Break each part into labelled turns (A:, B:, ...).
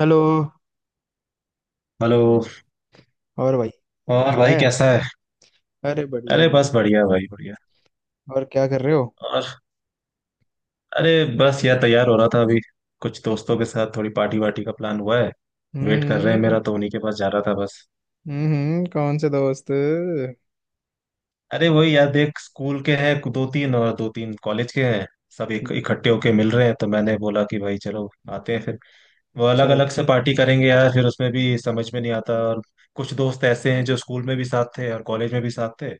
A: Hello.
B: Hello.
A: और भाई
B: और
A: हाल
B: भाई
A: है।
B: कैसा है?
A: अरे बढ़िया
B: अरे
A: भाई।
B: बस बढ़िया भाई बढ़िया।
A: और क्या कर रहे हो?
B: और। अरे बस यार तैयार हो रहा था अभी। कुछ दोस्तों के साथ थोड़ी पार्टी वार्टी का प्लान हुआ है। वेट कर रहे हैं,
A: हम्म।
B: मेरा तो उन्हीं के पास जा रहा था बस।
A: हम्म, कौन से दोस्त?
B: अरे वही यार, देख स्कूल के हैं दो तीन और दो तीन कॉलेज के हैं। सब एक इकट्ठे होके मिल रहे हैं, तो मैंने बोला कि भाई चलो आते हैं फिर। वो अलग
A: अच्छा।
B: अलग से पार्टी करेंगे यार, फिर उसमें भी समझ में नहीं आता। और कुछ दोस्त ऐसे हैं जो स्कूल में भी साथ थे और कॉलेज में भी साथ थे।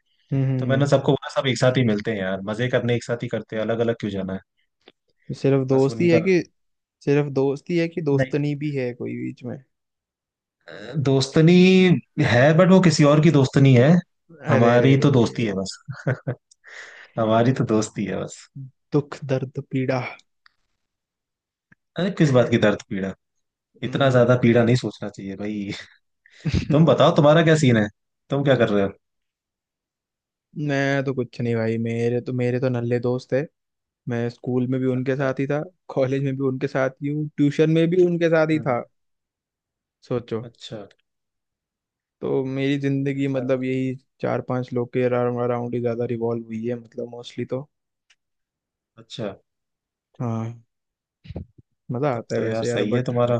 B: तो
A: हम्म।
B: मैंने सबको बोला सब एक साथ ही मिलते हैं यार, मजे करने एक साथ ही करते हैं, अलग अलग क्यों जाना है।
A: सिर्फ
B: बस
A: दोस्ती
B: उन्हीं का।
A: है कि सिर्फ दोस्ती है कि
B: नहीं।
A: दोस्तनी भी है कोई बीच में?
B: दोस्तनी है, बट वो किसी और की दोस्तनी है।
A: अरे अरे
B: हमारी तो दोस्ती है
A: अरे।
B: बस। हमारी तो दोस्ती है बस।
A: दुख दर्द पीड़ा।
B: अरे किस बात की दर्द पीड़ा। इतना
A: हम्म,
B: ज्यादा पीड़ा नहीं सोचना चाहिए भाई। तुम बताओ तुम्हारा क्या सीन है। तुम क्या कर रहे हो?
A: मैं तो कुछ नहीं भाई। मेरे तो नल्ले दोस्त है। मैं स्कूल में भी उनके
B: अच्छा।
A: साथ ही था। कॉलेज में भी उनके साथ ही हूँ, ट्यूशन में भी उनके साथ ही
B: हम्म।
A: था। सोचो।
B: अच्छा।
A: तो मेरी जिंदगी
B: ऐसा है।
A: मतलब यही। चार पांच लोग के अराउंड ही ज्यादा रिवॉल्व हुई है, मतलब मोस्टली तो।
B: अच्छा।
A: हाँ। मजा
B: तब
A: आता है
B: तो यार
A: वैसे यार,
B: सही है
A: बट
B: तुम्हारा।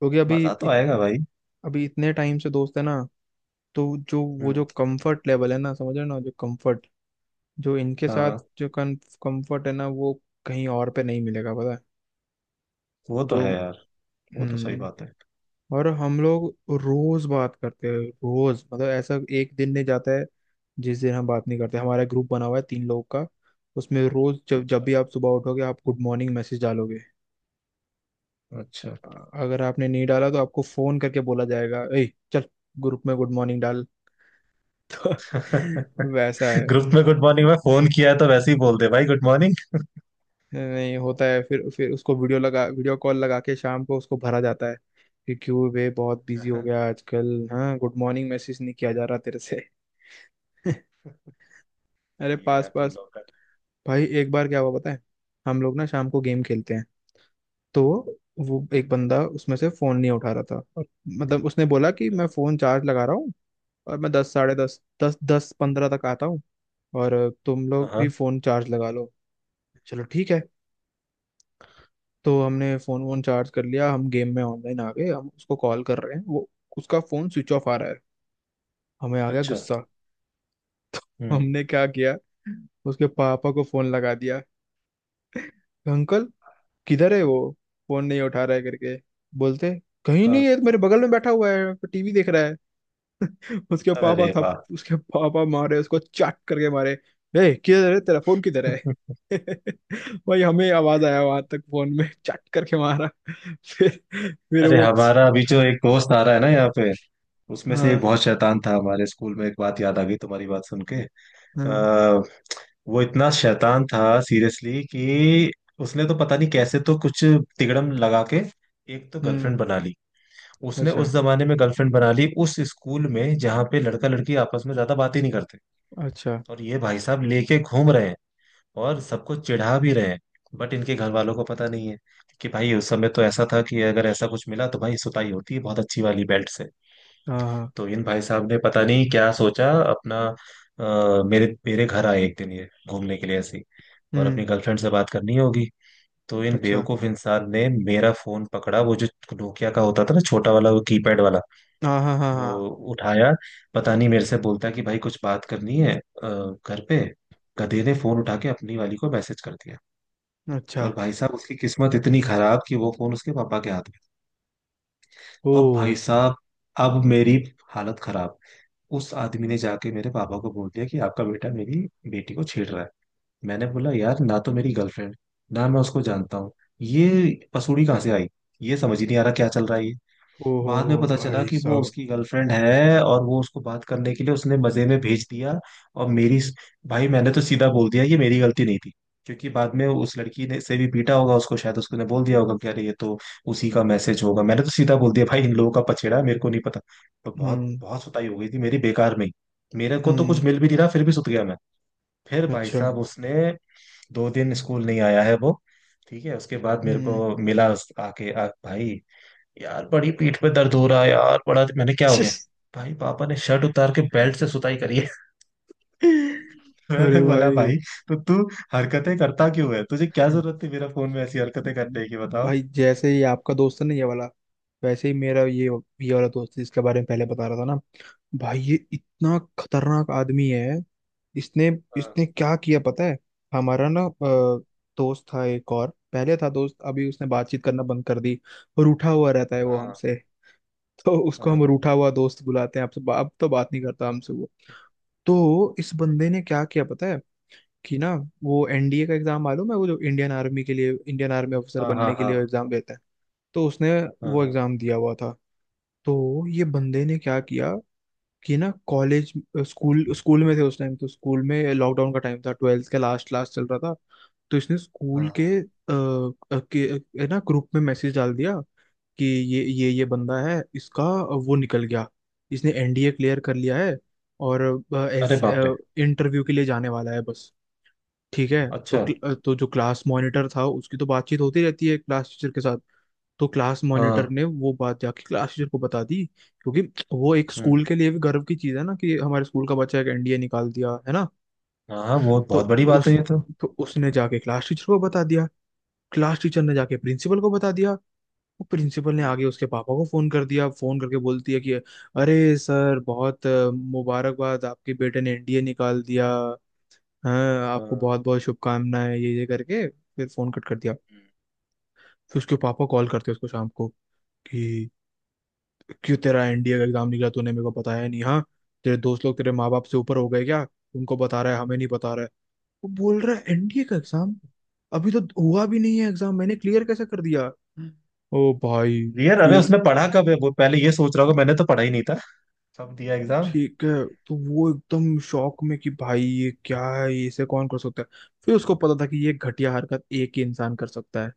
A: क्योंकि अभी
B: मजा तो आएगा भाई।
A: अभी इतने टाइम से दोस्त है ना। तो जो वो
B: हम्म।
A: जो कंफर्ट लेवल है ना, समझ रहे हो ना? जो कंफर्ट जो इनके
B: हाँ,
A: साथ
B: हाँ।
A: जो कंफर्ट है ना, वो कहीं और पे नहीं मिलेगा पता है।
B: वो तो
A: जो
B: है यार। वो तो सही
A: हम्म।
B: बात है।
A: और हम लोग रोज बात करते हैं। रोज मतलब ऐसा एक दिन नहीं जाता है जिस दिन हम बात नहीं करते। हमारा ग्रुप बना हुआ है तीन लोग का। उसमें रोज जब जब
B: अच्छा।
A: भी आप सुबह उठोगे, आप गुड मॉर्निंग मैसेज डालोगे।
B: अच्छा।
A: अगर आपने नहीं डाला तो आपको फोन करके बोला जाएगा, ए चल, ग्रुप में गुड मॉर्निंग डाल। तो वैसा है।
B: ग्रुप में गुड मॉर्निंग में फोन किया है तो वैसे ही बोल दे भाई गुड मॉर्निंग।
A: नहीं होता है। फिर उसको वीडियो लगा, वीडियो कॉल लगा के शाम को उसको भरा जाता है कि क्यों बे, बहुत बिजी हो गया आजकल? हाँ, गुड मॉर्निंग मैसेज नहीं किया जा रहा तेरे से। अरे
B: सही है
A: पास
B: यार तुम
A: पास।
B: लोग का।
A: भाई एक बार क्या हुआ पता है। हम लोग ना शाम को गेम खेलते हैं। तो वो एक बंदा उसमें से फोन नहीं उठा रहा था। और मतलब उसने बोला कि मैं फोन चार्ज लगा रहा हूँ और मैं दस, साढ़े दस, दस पंद्रह तक आता हूँ। और तुम लोग भी
B: हाँ।
A: फोन चार्ज लगा लो। चलो ठीक है। तो हमने फोन वोन चार्ज कर लिया। हम गेम में ऑनलाइन आ गए। हम उसको कॉल कर रहे हैं, वो उसका फोन स्विच ऑफ आ रहा है। हमें आ गया
B: अच्छा।
A: गुस्सा। तो
B: हम्म।
A: हमने क्या किया, उसके पापा को फोन लगा दिया। अंकल किधर है वो? फोन नहीं उठा रहा है करके। बोलते कहीं
B: हाँ।
A: नहीं है, तो मेरे बगल में बैठा हुआ है टीवी देख रहा है। उसके पापा
B: अरे
A: था।
B: वाह।
A: उसके पापा मारे उसको, चाट करके मारे। ए किधर है तेरा फोन किधर है? भाई हमें आवाज आया वहां तक, फोन में चाट करके मारा। फिर
B: अरे
A: वो।
B: हमारा अभी जो एक दोस्त आ रहा है ना यहाँ पे, उसमें से एक
A: हाँ
B: बहुत शैतान था हमारे स्कूल में। एक बात याद आ गई तुम्हारी बात सुन के।
A: हाँ।
B: आ, वो इतना शैतान था सीरियसली कि उसने तो पता नहीं कैसे तो कुछ तिकड़म लगा के एक तो गर्लफ्रेंड
A: हम्म।
B: बना ली। उसने
A: अच्छा।
B: उस जमाने में गर्लफ्रेंड बना ली, उस स्कूल में जहाँ पे लड़का लड़की आपस में ज्यादा बात ही नहीं करते।
A: अच्छा।
B: और ये भाई साहब लेके घूम रहे हैं। और सबको चिढ़ा भी रहे हैं। बट इनके घर वालों को पता नहीं है कि भाई उस समय तो ऐसा था कि अगर ऐसा कुछ मिला तो भाई सुताई होती है बहुत अच्छी वाली बेल्ट से।
A: हाँ हाँ।
B: तो इन भाई साहब ने पता नहीं क्या सोचा अपना। मेरे मेरे घर आए एक दिन ये घूमने के लिए ऐसे ही, और
A: हम्म।
B: अपनी गर्लफ्रेंड से बात करनी होगी। तो इन
A: अच्छा।
B: बेवकूफ इंसान ने मेरा फोन पकड़ा, वो जो नोकिया का होता था ना छोटा वाला, वो कीपैड वाला।
A: हाँ हाँ हाँ
B: वो
A: हाँ।
B: उठाया। पता नहीं, मेरे से बोलता है कि भाई कुछ बात करनी है घर पे। गधे ने फोन उठा के अपनी वाली को मैसेज कर दिया।
A: अच्छा।
B: और भाई साहब उसकी किस्मत इतनी खराब कि वो फोन उसके पापा के हाथ में
A: ओ।
B: था। अब भाई साहब, अब मेरी हालत खराब। उस आदमी ने जाके मेरे पापा को बोल दिया कि आपका बेटा मेरी बेटी को छेड़ रहा है। मैंने बोला यार, ना तो मेरी गर्लफ्रेंड, ना मैं उसको जानता हूँ। ये पसूड़ी कहाँ से आई? ये समझ ही नहीं आ रहा क्या चल रहा है ये।
A: ओ
B: बाद में
A: हो,
B: पता चला
A: भाई
B: कि वो
A: साहब।
B: उसकी गर्लफ्रेंड है और वो उसको बात करने के लिए उसने मजे में भेज दिया। और मेरी, भाई मैंने तो सीधा बोल दिया ये मेरी गलती नहीं थी, क्योंकि बाद में उस लड़की ने से भी पीटा होगा उसको, शायद उसको ने बोल दिया होगा कि अरे ये तो उसी का मैसेज होगा। मैंने तो सीधा बोल दिया भाई इन लोगों का पछेड़ा है, मेरे को नहीं पता। तो बहुत
A: हम्म।
B: बहुत सुताई हो गई थी मेरी बेकार में ही। मेरे को तो कुछ
A: हम्म।
B: मिल भी नहीं रहा, फिर भी सुत गया मैं। फिर भाई
A: अच्छा।
B: साहब उसने 2 दिन स्कूल नहीं आया है वो। ठीक है, उसके बाद मेरे
A: हम्म।
B: को मिला आके। भाई यार बड़ी पीठ पे दर्द हो रहा है यार, बड़ा मैंने क्या हो गया। भाई पापा ने शर्ट उतार के बेल्ट से सुताई करी है। मैंने
A: अरे
B: बोला
A: भाई।
B: भाई तो तू हरकतें करता क्यों है? तुझे क्या जरूरत थी मेरा फोन में ऐसी हरकतें करने की? बताओ।
A: भाई जैसे ही आपका दोस्त है ना ये वाला, वैसे ही मेरा ये वाला दोस्त है, जिसके बारे में पहले बता रहा था ना। भाई ये इतना खतरनाक आदमी है। इसने
B: हाँ,
A: इसने क्या किया पता है। हमारा ना दोस्त था एक और, पहले था दोस्त, अभी उसने बातचीत करना बंद कर दी। रूठा हुआ रहता है वो हमसे। तो उसको हम
B: हाँ,
A: रूठा हुआ दोस्त बुलाते हैं। आपसे अब तो बात नहीं करता हमसे वो। तो इस बंदे ने क्या किया पता है कि ना, वो एनडीए का एग्जाम मालूम है, वो जो इंडियन आर्मी के लिए, इंडियन आर्मी ऑफिसर
B: हाँ, हाँ।
A: बनने के
B: हाँ,
A: लिए
B: हाँ,
A: एग्जाम देता है। तो उसने
B: हाँ,
A: वो
B: हाँ।
A: एग्जाम दिया हुआ था। तो ये बंदे ने क्या किया कि ना, कॉलेज स्कूल स्कूल में थे उस टाइम, तो स्कूल में लॉकडाउन का टाइम था, ट्वेल्थ का लास्ट लास्ट चल रहा था। तो इसने स्कूल के,
B: हाँ।
A: अ, अ, के अ, ना ग्रुप में मैसेज डाल दिया कि ये बंदा है, इसका वो निकल गया, इसने एनडीए क्लियर कर लिया है और
B: अरे
A: एस
B: बाप रे।
A: इंटरव्यू के लिए जाने वाला है बस। ठीक है। तो
B: अच्छा।
A: तो जो क्लास मॉनिटर था उसकी तो बातचीत होती रहती है क्लास टीचर के साथ। तो क्लास मॉनिटर
B: हाँ।
A: ने वो बात जाके क्लास टीचर को बता दी। क्योंकि वो एक
B: हम्म।
A: स्कूल के लिए भी गर्व की चीज है ना कि हमारे स्कूल का बच्चा एक एनडीए निकाल दिया है ना।
B: हाँ बहुत
A: तो
B: बहुत बड़ी बात है
A: उस
B: ये तो।
A: तो उसने जाके क्लास टीचर को बता दिया। क्लास टीचर ने जाके प्रिंसिपल को बता दिया। वो प्रिंसिपल ने
B: हम्म।
A: आगे उसके पापा को फोन कर दिया, फोन करके बोलती है कि अरे सर बहुत मुबारकबाद, आपके बेटे ने एनडीए निकाल दिया। हाँ
B: हाँ।
A: आपको बहुत बहुत शुभकामनाएं, ये करके फिर फोन कट कर दिया।
B: हम्म।
A: फिर उसके पापा कॉल करते हैं उसको शाम को कि क्यों तेरा एनडीए का एग्जाम निकला, तूने मेरे को बताया नहीं हाँ? तेरे दोस्त लोग तेरे माँ बाप से ऊपर हो गए क्या? उनको बता रहा है हमें नहीं बता रहा है। वो बोल रहा है एनडीए का एग्जाम अभी तो हुआ भी नहीं है एग्जाम, मैंने क्लियर कैसे कर दिया? ओ भाई।
B: यार अरे
A: फिर
B: उसने पढ़ा कब है, वो पहले ये सोच रहा होगा मैंने तो पढ़ा ही नहीं था। कब दिया एग्जाम।
A: ठीक है, तो वो एकदम शॉक में कि भाई ये क्या है, ये इसे कौन कर सकता है। फिर उसको पता था कि ये घटिया हरकत एक ही इंसान कर सकता है।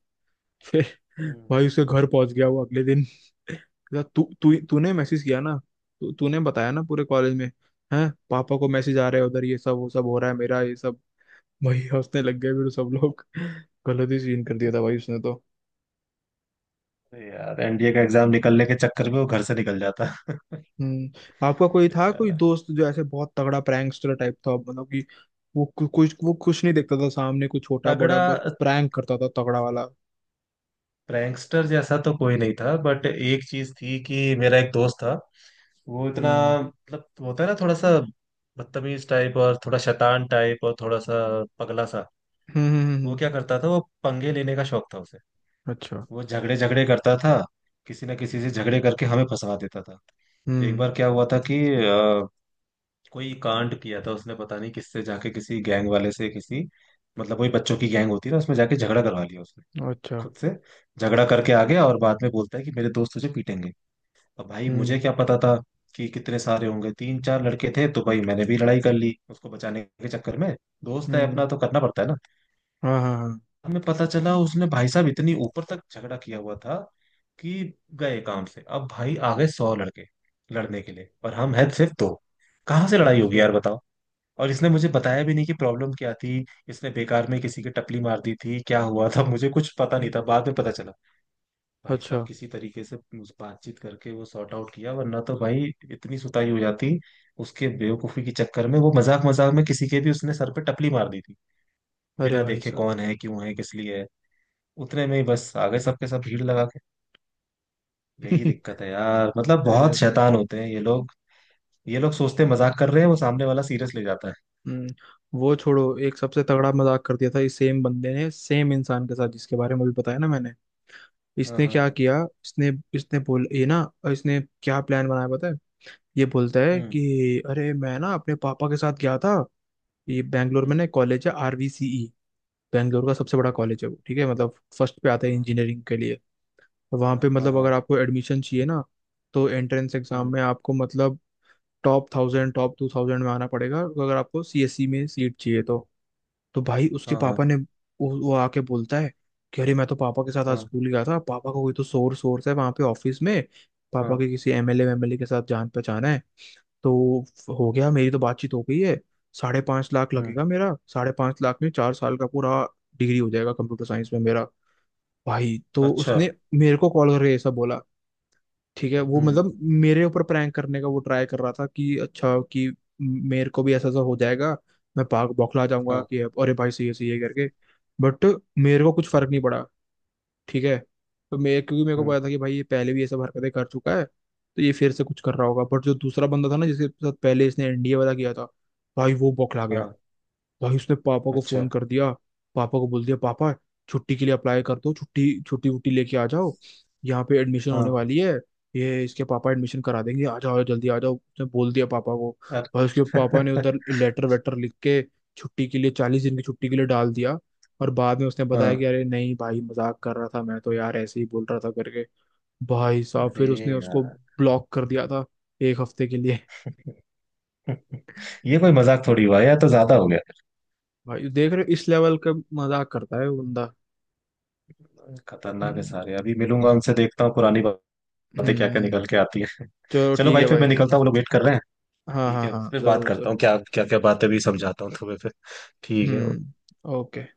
A: फिर
B: हम्म।
A: भाई उसके घर पहुंच गया वो अगले दिन। कहता, तू तू तूने मैसेज किया ना? तू तूने बताया ना पूरे कॉलेज में? हैं? पापा को मैसेज आ रहे हैं उधर, ये सब वो सब हो रहा है मेरा ये सब। भाई हंसने लग गए फिर सब लोग। गलत ही सीन कर दिया था भाई उसने तो।
B: अरे यार एनडीए का एग्जाम निकलने के चक्कर में वो घर से निकल जाता
A: हम्म। आपका कोई था कोई
B: बेचारा।
A: दोस्त जो ऐसे बहुत तगड़ा प्रैंकस्टर टाइप था, मतलब कि वो कु- कुछ वो कुछ नहीं देखता था सामने कुछ छोटा बड़ा,
B: तगड़ा
A: बस प्रैंक करता था तगड़ा वाला।
B: प्रैंकस्टर जैसा तो कोई नहीं था, बट एक चीज थी कि मेरा एक दोस्त था वो इतना,
A: हम्म।
B: मतलब होता है ना थोड़ा सा बदतमीज टाइप और थोड़ा शैतान टाइप और थोड़ा सा पगला सा।
A: हम्म।
B: वो क्या करता था, वो पंगे लेने का शौक था उसे।
A: अच्छा।
B: वो झगड़े झगड़े करता था। किसी ना किसी से झगड़े करके हमें फंसा देता था। तो एक
A: हम्म।
B: बार क्या हुआ था कि कोई कांड किया था उसने, पता नहीं किससे जाके किसी गैंग वाले से, किसी, मतलब वही बच्चों की गैंग होती है ना, उसमें जाके झगड़ा करवा लिया उसने
A: अच्छा।
B: खुद से। झगड़ा करके आ गया और बाद में बोलता है कि मेरे दोस्त तुझे पीटेंगे। अब भाई मुझे
A: हम्म।
B: क्या पता था कि कितने सारे होंगे? तीन चार लड़के थे तो भाई मैंने भी लड़ाई कर ली उसको बचाने के चक्कर में। दोस्त है अपना
A: हम्म।
B: तो करना पड़ता है ना।
A: हाँ हाँ हाँ।
B: हमें पता चला उसने भाई साहब इतनी ऊपर तक झगड़ा किया हुआ था कि गए काम से। अब भाई आ गए 100 लड़के लड़ने के लिए और हम हैं सिर्फ दो। कहाँ से लड़ाई होगी
A: अच्छा।
B: यार, बताओ। और इसने मुझे बताया भी नहीं कि प्रॉब्लम क्या थी। इसने बेकार में किसी की टपली मार दी थी, क्या हुआ था मुझे कुछ पता नहीं
A: हम्म,
B: था, बाद में पता चला। भाई साहब
A: अच्छा।
B: किसी तरीके से उस बातचीत करके वो सॉर्ट आउट किया, वरना तो भाई इतनी सुताई हो जाती उसके बेवकूफी के चक्कर में। वो मजाक मजाक में किसी के भी उसने सर पे टपली मार दी थी,
A: अरे
B: बिना
A: भाई
B: देखे
A: साहब।
B: कौन है क्यों है किस लिए है। उतने में ही बस आ गए सबके सब भीड़ लगा के। यही दिक्कत है यार, मतलब
A: अरे
B: बहुत
A: भाई।
B: शैतान होते हैं ये लोग। ये लोग सोचते हैं मजाक कर रहे हैं, वो सामने वाला सीरियस ले जाता है।
A: हम्म। वो छोड़ो, एक सबसे तगड़ा मजाक कर दिया था इस सेम बंदे ने, सेम इंसान के साथ जिसके बारे में अभी बताया ना मैंने।
B: हाँ,
A: इसने
B: हाँ,
A: क्या
B: हाँ।
A: किया इसने। इसने बोल ये ना, इसने क्या प्लान बनाया पता है। ये बोलता है
B: हम्म।
A: कि अरे मैं ना अपने पापा के साथ गया था। ये बैंगलोर में
B: हम्म।
A: ना कॉलेज है आरवीसीई, बैंगलोर का सबसे बड़ा
B: अच्छा,
A: कॉलेज है वो, ठीक है, मतलब फर्स्ट पे आता है
B: हाँ,
A: इंजीनियरिंग के लिए। वहां
B: हाँ,
A: पे
B: हाँ,
A: मतलब अगर
B: हाँ।
A: आपको एडमिशन चाहिए ना, तो एंट्रेंस एग्जाम
B: हम्म।
A: में आपको मतलब टॉप 1000, टॉप 2000 में आना पड़ेगा अगर आपको सीएससी में सीट चाहिए तो। तो भाई उसके
B: हाँ, हाँ,
A: पापा ने वो आके बोलता है कि अरे मैं तो पापा के साथ आज
B: हाँ,
A: स्कूल गया था, पापा का कोई तो सोर्स सोर्स है वहाँ पे ऑफिस में, पापा
B: हाँ।
A: के किसी एमएलए एमएलए के साथ जान पहचान है। तो हो गया, मेरी तो बातचीत हो गई है। 5.5 लाख
B: हम्म।
A: लगेगा मेरा, 5.5 लाख में 4 साल का पूरा डिग्री हो जाएगा कंप्यूटर साइंस में मेरा। भाई तो
B: अच्छा।
A: उसने मेरे को कॉल करके ऐसा बोला। ठीक है, वो
B: हम्म।
A: मतलब मेरे ऊपर प्रैंक करने का वो ट्राई कर रहा था कि अच्छा, कि मेरे को भी ऐसा ऐसा हो जाएगा, मैं भाग बौखला जाऊंगा
B: हाँ।
A: कि अब अरे भाई सही है करके। बट मेरे को कुछ फर्क नहीं पड़ा। ठीक है। तो मैं क्योंकि मेरे को
B: हम्म।
A: पता था कि भाई ये पहले भी ये सब हरकतें कर चुका है, तो ये फिर से कुछ कर रहा होगा। बट जो दूसरा बंदा था ना, जिसके साथ पहले इसने एनडीए वाला किया था, भाई वो बौखला गया।
B: हाँ।
A: भाई उसने पापा को
B: अच्छा।
A: फोन कर दिया, पापा को बोल दिया, पापा छुट्टी के लिए अप्लाई कर दो, छुट्टी छुट्टी वुट्टी लेके आ जाओ, यहाँ पे एडमिशन होने
B: हाँ।
A: वाली है, ये इसके पापा एडमिशन करा देंगे, आ जाओ जल्दी आ जाओ, उसने बोल दिया पापा को।
B: सर।
A: भाई उसके पापा ने उधर लेटर वेटर लिख के छुट्टी के लिए, 40 दिन की छुट्टी के लिए डाल दिया। और बाद में उसने बताया कि
B: हाँ।
A: अरे नहीं भाई मजाक कर रहा था मैं तो, यार ऐसे ही बोल रहा था करके। भाई साहब
B: अरे
A: फिर उसने उसको
B: यार।
A: ब्लॉक कर दिया था, एक हफ्ते के लिए।
B: ये कोई मजाक थोड़ी हुआ यार, तो ज्यादा हो गया।
A: भाई देख रहे हो, इस लेवल का मजाक करता है वो बंदा।
B: खतरनाक है
A: हम्म।
B: सारे। अभी मिलूंगा उनसे, देखता हूँ पुरानी बातें क्या क्या
A: हम्म।
B: निकल के आती है।
A: चलो
B: चलो
A: ठीक
B: भाई
A: है
B: फिर
A: भाई।
B: मैं निकलता हूँ, वो लोग वेट कर रहे हैं।
A: हाँ
B: ठीक
A: हाँ
B: है,
A: हाँ,
B: फिर बात
A: जरूर
B: करता हूँ,
A: जरूर।
B: क्या क्या क्या बातें भी समझाता हूँ तुम्हें फिर। ठीक
A: हम्म।
B: है।
A: ओके।